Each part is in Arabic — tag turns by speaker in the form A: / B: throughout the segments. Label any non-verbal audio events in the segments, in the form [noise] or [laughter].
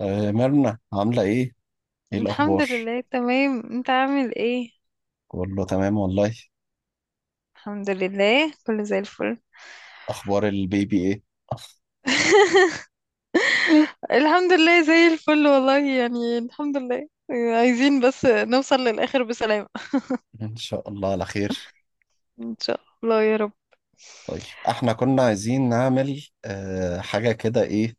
A: آه، مرنة عاملة ايه؟ ايه
B: الحمد
A: الأخبار؟
B: لله، تمام. انت عامل ايه؟
A: بقول له تمام والله.
B: الحمد لله، كله زي الفل.
A: أخبار البيبي ايه؟
B: [laughs] الحمد لله زي الفل والله، يعني الحمد لله. عايزين بس نوصل للآخر بسلام.
A: [laughs] إن شاء الله على خير.
B: ان شاء الله يا رب.
A: طيب، احنا كنا عايزين نعمل حاجة كده، ايه،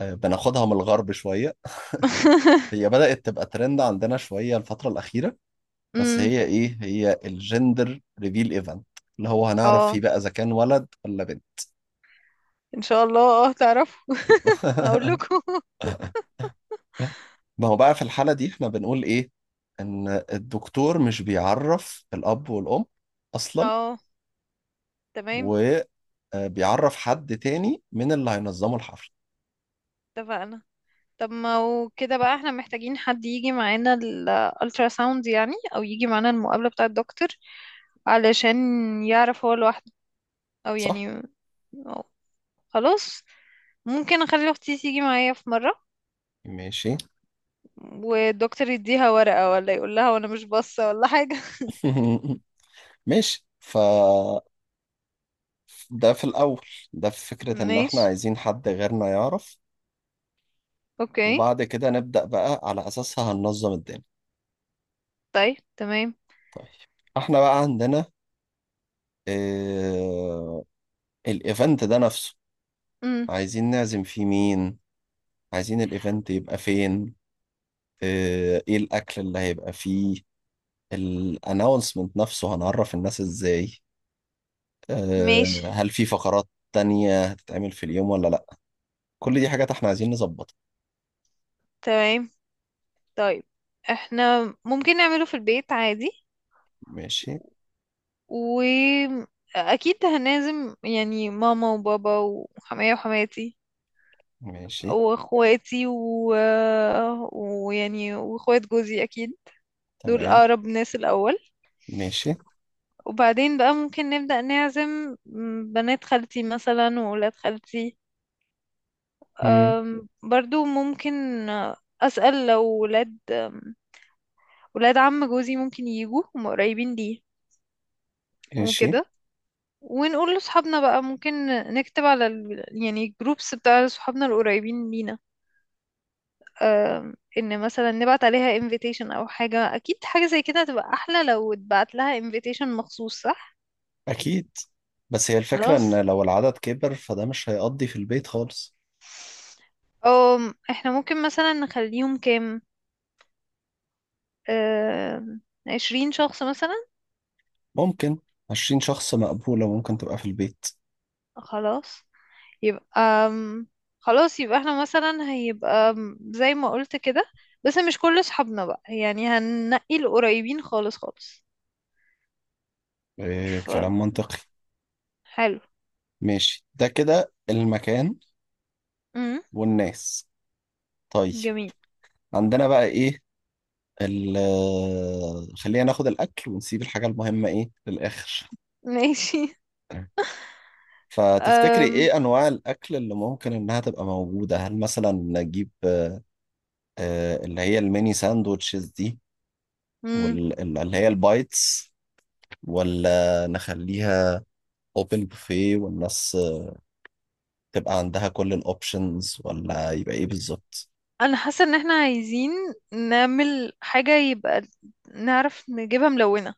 A: بناخدها من الغرب شوية.
B: [laughs]
A: هي بدأت تبقى ترند عندنا شوية الفترة الأخيرة. بس
B: امم.
A: هي ايه؟ هي الجندر ريفيل ايفنت، اللي هو هنعرف
B: اه،
A: فيه بقى إذا كان ولد ولا بنت.
B: ان شاء الله تعرفوا. هقول
A: [laughs]
B: لكم. [laughs]
A: ما هو بقى في الحالة دي احنا بنقول ايه؟ إن الدكتور مش بيعرف الأب والأم أصلا،
B: اه، تمام،
A: وبيعرف حد تاني من اللي هينظموا الحفلة،
B: اتفقنا. طب ما هو كده بقى احنا محتاجين حد يجي معانا الالترا ساوند، يعني او يجي معانا المقابلة بتاع الدكتور علشان يعرف هو لوحده، او
A: صح؟
B: يعني، أو خلاص، ممكن اخلي اختي تيجي معايا في مرة
A: ماشي.
B: والدكتور يديها ورقة ولا يقول لها وانا مش باصة ولا حاجة.
A: [laughs] ماشي، فده في الأول. ده في فكرة
B: [laughs]
A: إن إحنا
B: ماشي.
A: عايزين حد غيرنا يعرف،
B: اوكي.
A: وبعد كده نبدأ بقى على أساسها هننظم الدنيا.
B: طيب، تمام.
A: طيب، إحنا بقى عندنا آه الإيفنت ده نفسه،
B: امم.
A: عايزين نعزم فيه مين؟ عايزين الإيفنت يبقى فين؟ إيه الأكل اللي هيبقى فيه؟ الأناونسمنت نفسه هنعرف الناس إزاي؟
B: ماشي،
A: هل في فقرات تانية هتتعمل في اليوم ولا لأ. كل دي حاجات احنا عايزين نظبطها.
B: تمام. طيب، احنا ممكن نعمله في البيت عادي.
A: ماشي.
B: واكيد هنعزم يعني ماما وبابا وحماية وحماتي
A: ماشي.
B: واخواتي ويعني واخوات جوزي اكيد. دول
A: تمام.
B: اقرب ناس الاول.
A: ماشي.
B: وبعدين بقى ممكن نبدأ نعزم بنات خالتي مثلا وولاد خالتي.
A: مم.
B: برضو ممكن. أسأل لو ولاد عم جوزي ممكن يجوا، هم قريبين ليه.
A: ماشي.
B: وكده. ونقول لصحابنا بقى ممكن نكتب على يعني الجروبس بتاع صحابنا القريبين لينا. ان مثلا نبعت عليها invitation او حاجة، اكيد حاجة زي كده هتبقى احلى لو اتبعت لها invitation مخصوص، صح؟
A: أكيد، بس هي الفكرة
B: خلاص.
A: إن لو العدد كبر فده مش هيقضي في البيت خالص.
B: احنا ممكن مثلا نخليهم كام، آم، 20 شخص مثلا.
A: ممكن. 20 شخص مقبولة، ممكن تبقى في البيت.
B: خلاص. يبقى آم، خلاص، يبقى احنا مثلا هيبقى زي ما قلت كده. بس مش كل صحابنا بقى، يعني هننقي القريبين خالص خالص.
A: كلام منطقي.
B: فحلو.
A: ماشي، ده كده المكان
B: امم.
A: والناس. طيب،
B: جميل.
A: عندنا بقى إيه، خلينا ناخد الأكل ونسيب الحاجة المهمة إيه للآخر.
B: [laughs] ماشي.
A: فتفتكري ايه انواع الاكل اللي ممكن انها تبقى موجودة؟ هل مثلا نجيب اللي هي الميني ساندوتشز دي
B: امم.
A: واللي هي البايتس، ولا نخليها اوبن بوفيه والناس تبقى عندها كل الاوبشنز، ولا يبقى ايه بالظبط؟
B: انا حاسه ان احنا عايزين نعمل حاجه، يبقى نعرف نجيبها ملونه،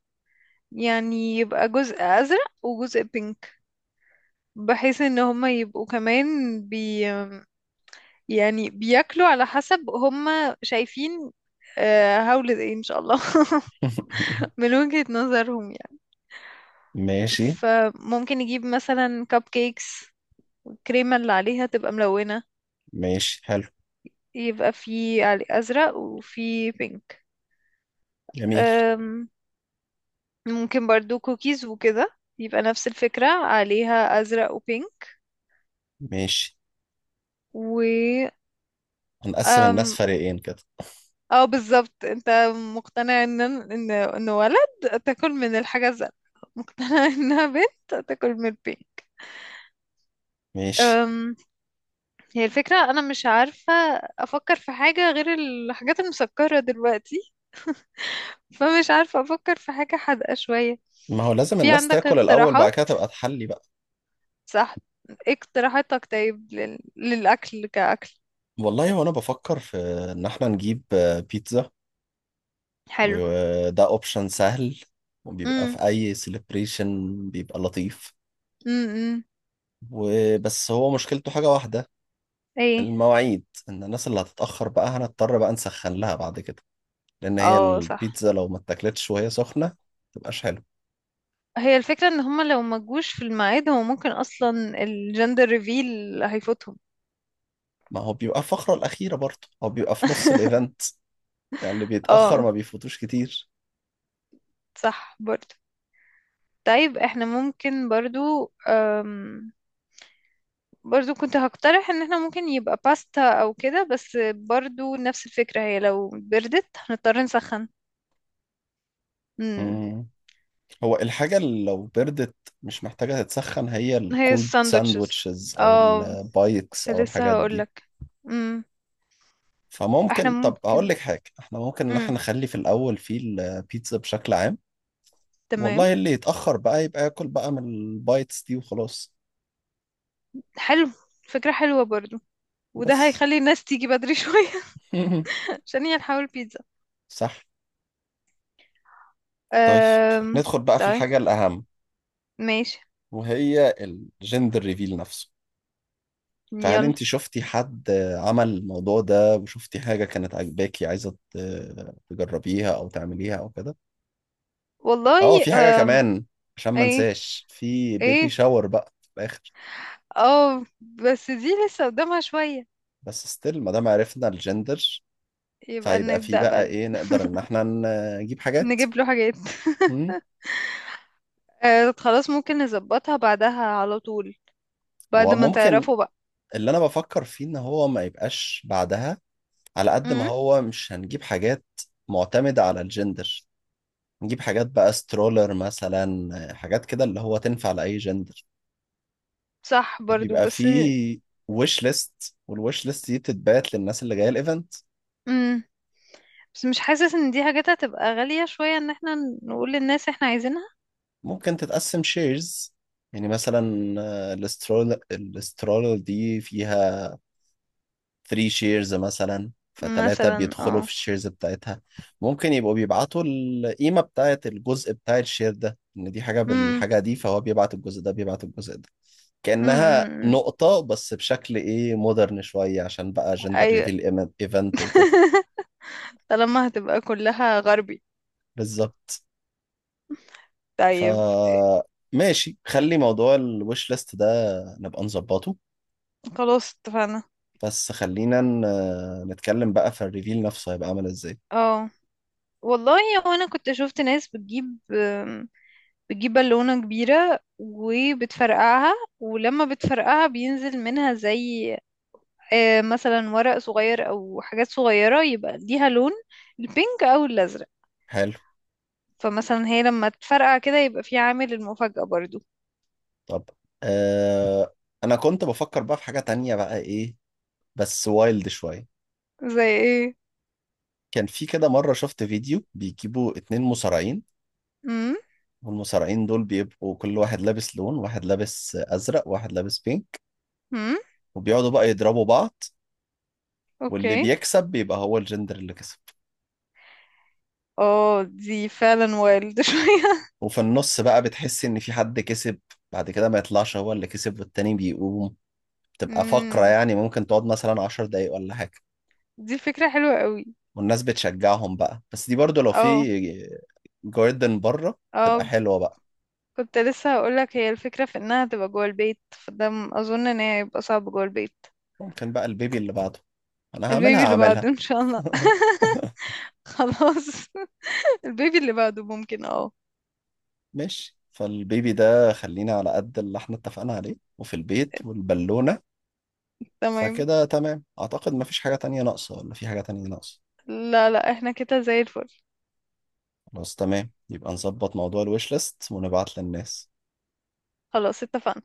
B: يعني يبقى جزء ازرق وجزء بينك، بحيث ان هما يبقوا كمان يعني بياكلوا على حسب هم شايفين، هولد ايه ان شاء الله. [laughs]
A: [laughs]
B: من وجهة نظرهم يعني.
A: ماشي.
B: فممكن نجيب مثلا كب كيكس، الكريمة اللي عليها تبقى ملونة،
A: ماشي حلو.
B: يبقى في علي أزرق وفي بينك.
A: جميل.
B: أم، ممكن برضو كوكيز وكده يبقى نفس الفكرة، عليها أزرق وبينك.
A: ماشي.
B: و
A: هنقسم الناس فريقين كده.
B: اه، بالظبط، انت مقتنع ان ولد تاكل من الحاجة الزرقاء، مقتنع [laughs] انها بنت تاكل من البين.
A: ماشي.
B: أم، هي الفكرة انا مش عارفة افكر في حاجة غير الحاجات المسكرة دلوقتي، فمش عارفة افكر في حاجة حادقة شوية.
A: ما هو لازم
B: في
A: الناس
B: عندك
A: تاكل الاول، بعد
B: اقتراحات؟
A: كده تبقى تحلي بقى.
B: صح. إيه اقتراحاتك طيب للاكل كاكل؟
A: والله وانا بفكر في ان احنا نجيب بيتزا،
B: حلو.
A: وده اوبشن سهل، وبيبقى
B: امم.
A: في اي سيلبريشن بيبقى لطيف.
B: امم.
A: وبس هو مشكلته حاجة واحدة:
B: ايه؟
A: المواعيد، ان الناس اللي هتتأخر بقى هنضطر بقى نسخن لها بعد كده، لان هي
B: اه، صح.
A: البيتزا لو ما اتاكلتش وهي سخنة متبقاش حلو.
B: هي الفكرة ان هما لو ما جوش في الميعاد، هو ممكن اصلا الجندر ريفيل هيفوتهم.
A: ما هو بيبقى الفقرة الأخيرة برضه، هو بيبقى في نص
B: [laughs]
A: الإيفنت، يعني اللي بيتأخر
B: اه،
A: ما بيفوتوش كتير.
B: صح برضو. طيب احنا ممكن برضو برضو كنت هقترح ان احنا ممكن يبقى باستا او كده، بس برضو نفس الفكرة، هي لو بردت هنضطر نسخن. امم.
A: مم. هو الحاجة اللي لو بردت مش محتاجة تتسخن هي
B: هي
A: الكولد
B: الساندوتشز.
A: ساندويتشز أو
B: اه،
A: البايتس
B: كنت
A: أو
B: لسه
A: الحاجات دي.
B: هقولك. امم. احنا
A: فممكن، طب
B: ممكن.
A: هقول لك حاجة، احنا ممكن ان احنا
B: امم.
A: نخلي في الاول في البيتزا بشكل عام،
B: تمام.
A: والله اللي يتأخر بقى يبقى ياكل بقى من البايتس دي وخلاص.
B: حلو. فكرة حلوة برضو. وده
A: بس.
B: هيخلي الناس تيجي بدري [laughs] شوية.
A: [laughs]
B: ثانية نحاول بيتزا.
A: صح. طيب،
B: أم...
A: ندخل بقى في
B: طيب.
A: الحاجة الأهم،
B: ماشي.
A: وهي الجندر ريفيل نفسه. فهل
B: يلا.
A: انت شفتي حد عمل الموضوع ده وشفتي حاجة كانت عاجباكي، عايزة تجربيها أو تعمليها أو كده؟ اه
B: والله.
A: في حاجة
B: أم...
A: كمان، عشان ما
B: ايه؟
A: انساش، في بيبي
B: ايه؟
A: شاور بقى في الآخر.
B: اه، بس دي لسه قدامها شوية.
A: بس ستيل ما دام عرفنا الجندر،
B: يبقى
A: فيبقى في
B: نبدأ
A: بقى
B: بقى.
A: ايه نقدر ان احنا نجيب حاجات.
B: نجيب له حاجات. [laughs]
A: مم.
B: أه، خلاص، ممكن نظبطها بعدها على طول، بعد ما
A: وممكن،
B: تعرفوا بقى.
A: اللي انا بفكر فيه ان هو ما يبقاش بعدها، على قد ما
B: امم.
A: هو مش هنجيب حاجات معتمدة على الجندر، نجيب حاجات بقى سترولر مثلا، حاجات كده اللي هو تنفع لأي جندر.
B: صح برضو
A: بيبقى
B: بس.
A: فيه ويش ليست، والويش ليست دي بتتبعت للناس اللي جاية الايفنت.
B: امم. بس مش حاسس ان دي حاجات هتبقى غالية شوية، ان احنا نقول للناس احنا عايزينها.
A: ممكن تتقسم شيرز، يعني مثلا الاسترولر دي فيها 3 شيرز مثلا، فتلاتة
B: مثلا،
A: بيدخلوا
B: اه.
A: في الشيرز بتاعتها. ممكن يبقوا بيبعتوا القيمة بتاعت الجزء بتاع الشير ده، إن دي حاجة
B: امم.
A: بالحاجة دي، فهو بيبعت الجزء ده، بيبعت الجزء ده.
B: امم.
A: كأنها
B: أمم.
A: نقطة، بس بشكل إيه، مودرن شوية، عشان بقى جندر
B: ايوه.
A: ريفيل إيفنت وكده.
B: [laughs] طالما هتبقى كلها غربي.
A: بالظبط. ف
B: طيب.
A: ماشي، خلي موضوع الوش ليست ده نبقى نظبطه.
B: خلاص اتفقنا.
A: بس خلينا نتكلم بقى في الريفيل نفسه، هيبقى عامل ازاي.
B: اه، والله، هو انا كنت شفت ناس بتجيب بالونة كبيرة وبتفرقعها، ولما بتفرقعها بينزل منها زي مثلا ورق صغير او حاجات صغيرة يبقى ليها لون، البينك او الازرق.
A: حلو.
B: فمثلا هي لما تفرقع كده يبقى في عامل المفاجأة برضو.
A: طب، آه انا كنت بفكر بقى في حاجة تانية بقى، ايه، بس وايلد شوية.
B: زي ايه؟
A: كان في كده مرة شفت فيديو بيجيبوا اتنين مصارعين،
B: امم.
A: والمصارعين دول بيبقوا كل واحد لابس لون، واحد لابس ازرق واحد لابس بينك،
B: امم.
A: وبيقعدوا بقى يضربوا بعض، واللي
B: اوكي.
A: بيكسب بيبقى هو الجندر اللي كسب.
B: اه، دي فعلا وايلد [laughs] شوية.
A: وفي النص بقى بتحس ان في حد كسب، بعد كده ما يطلعش هو اللي كسب والتاني بيقوم. بتبقى فقرة
B: امم.
A: يعني ممكن تقعد مثلا 10 دقايق ولا حاجة،
B: دي فكرة حلوة قوي.
A: والناس بتشجعهم بقى. بس دي برضو لو
B: اه،
A: في جاردن بره تبقى
B: اه،
A: حلوة بقى.
B: كنت لسه هقولك. هي الفكرة في انها تبقى جوه البيت، فده اظن ان هي هيبقى صعب جوه البيت.
A: ممكن بقى البيبي اللي بعده انا هعملها
B: البيبي اللي
A: هعملها.
B: بعده ان شاء الله.
A: [laughs]
B: [laughs] خلاص. [laughs] البيبي اللي بعده ممكن اه.
A: ماشي، فالبيبي ده خلينا على قد اللي احنا اتفقنا عليه، وفي البيت والبالونة.
B: تمام.
A: فكده تمام اعتقد، مفيش حاجة تانية ناقصة، ولا في حاجة تانية ناقصة.
B: لا، لا، احنا كده زي الفل.
A: خلاص تمام، يبقى نظبط موضوع الويش ليست ونبعت للناس.
B: خلاص اتفقنا.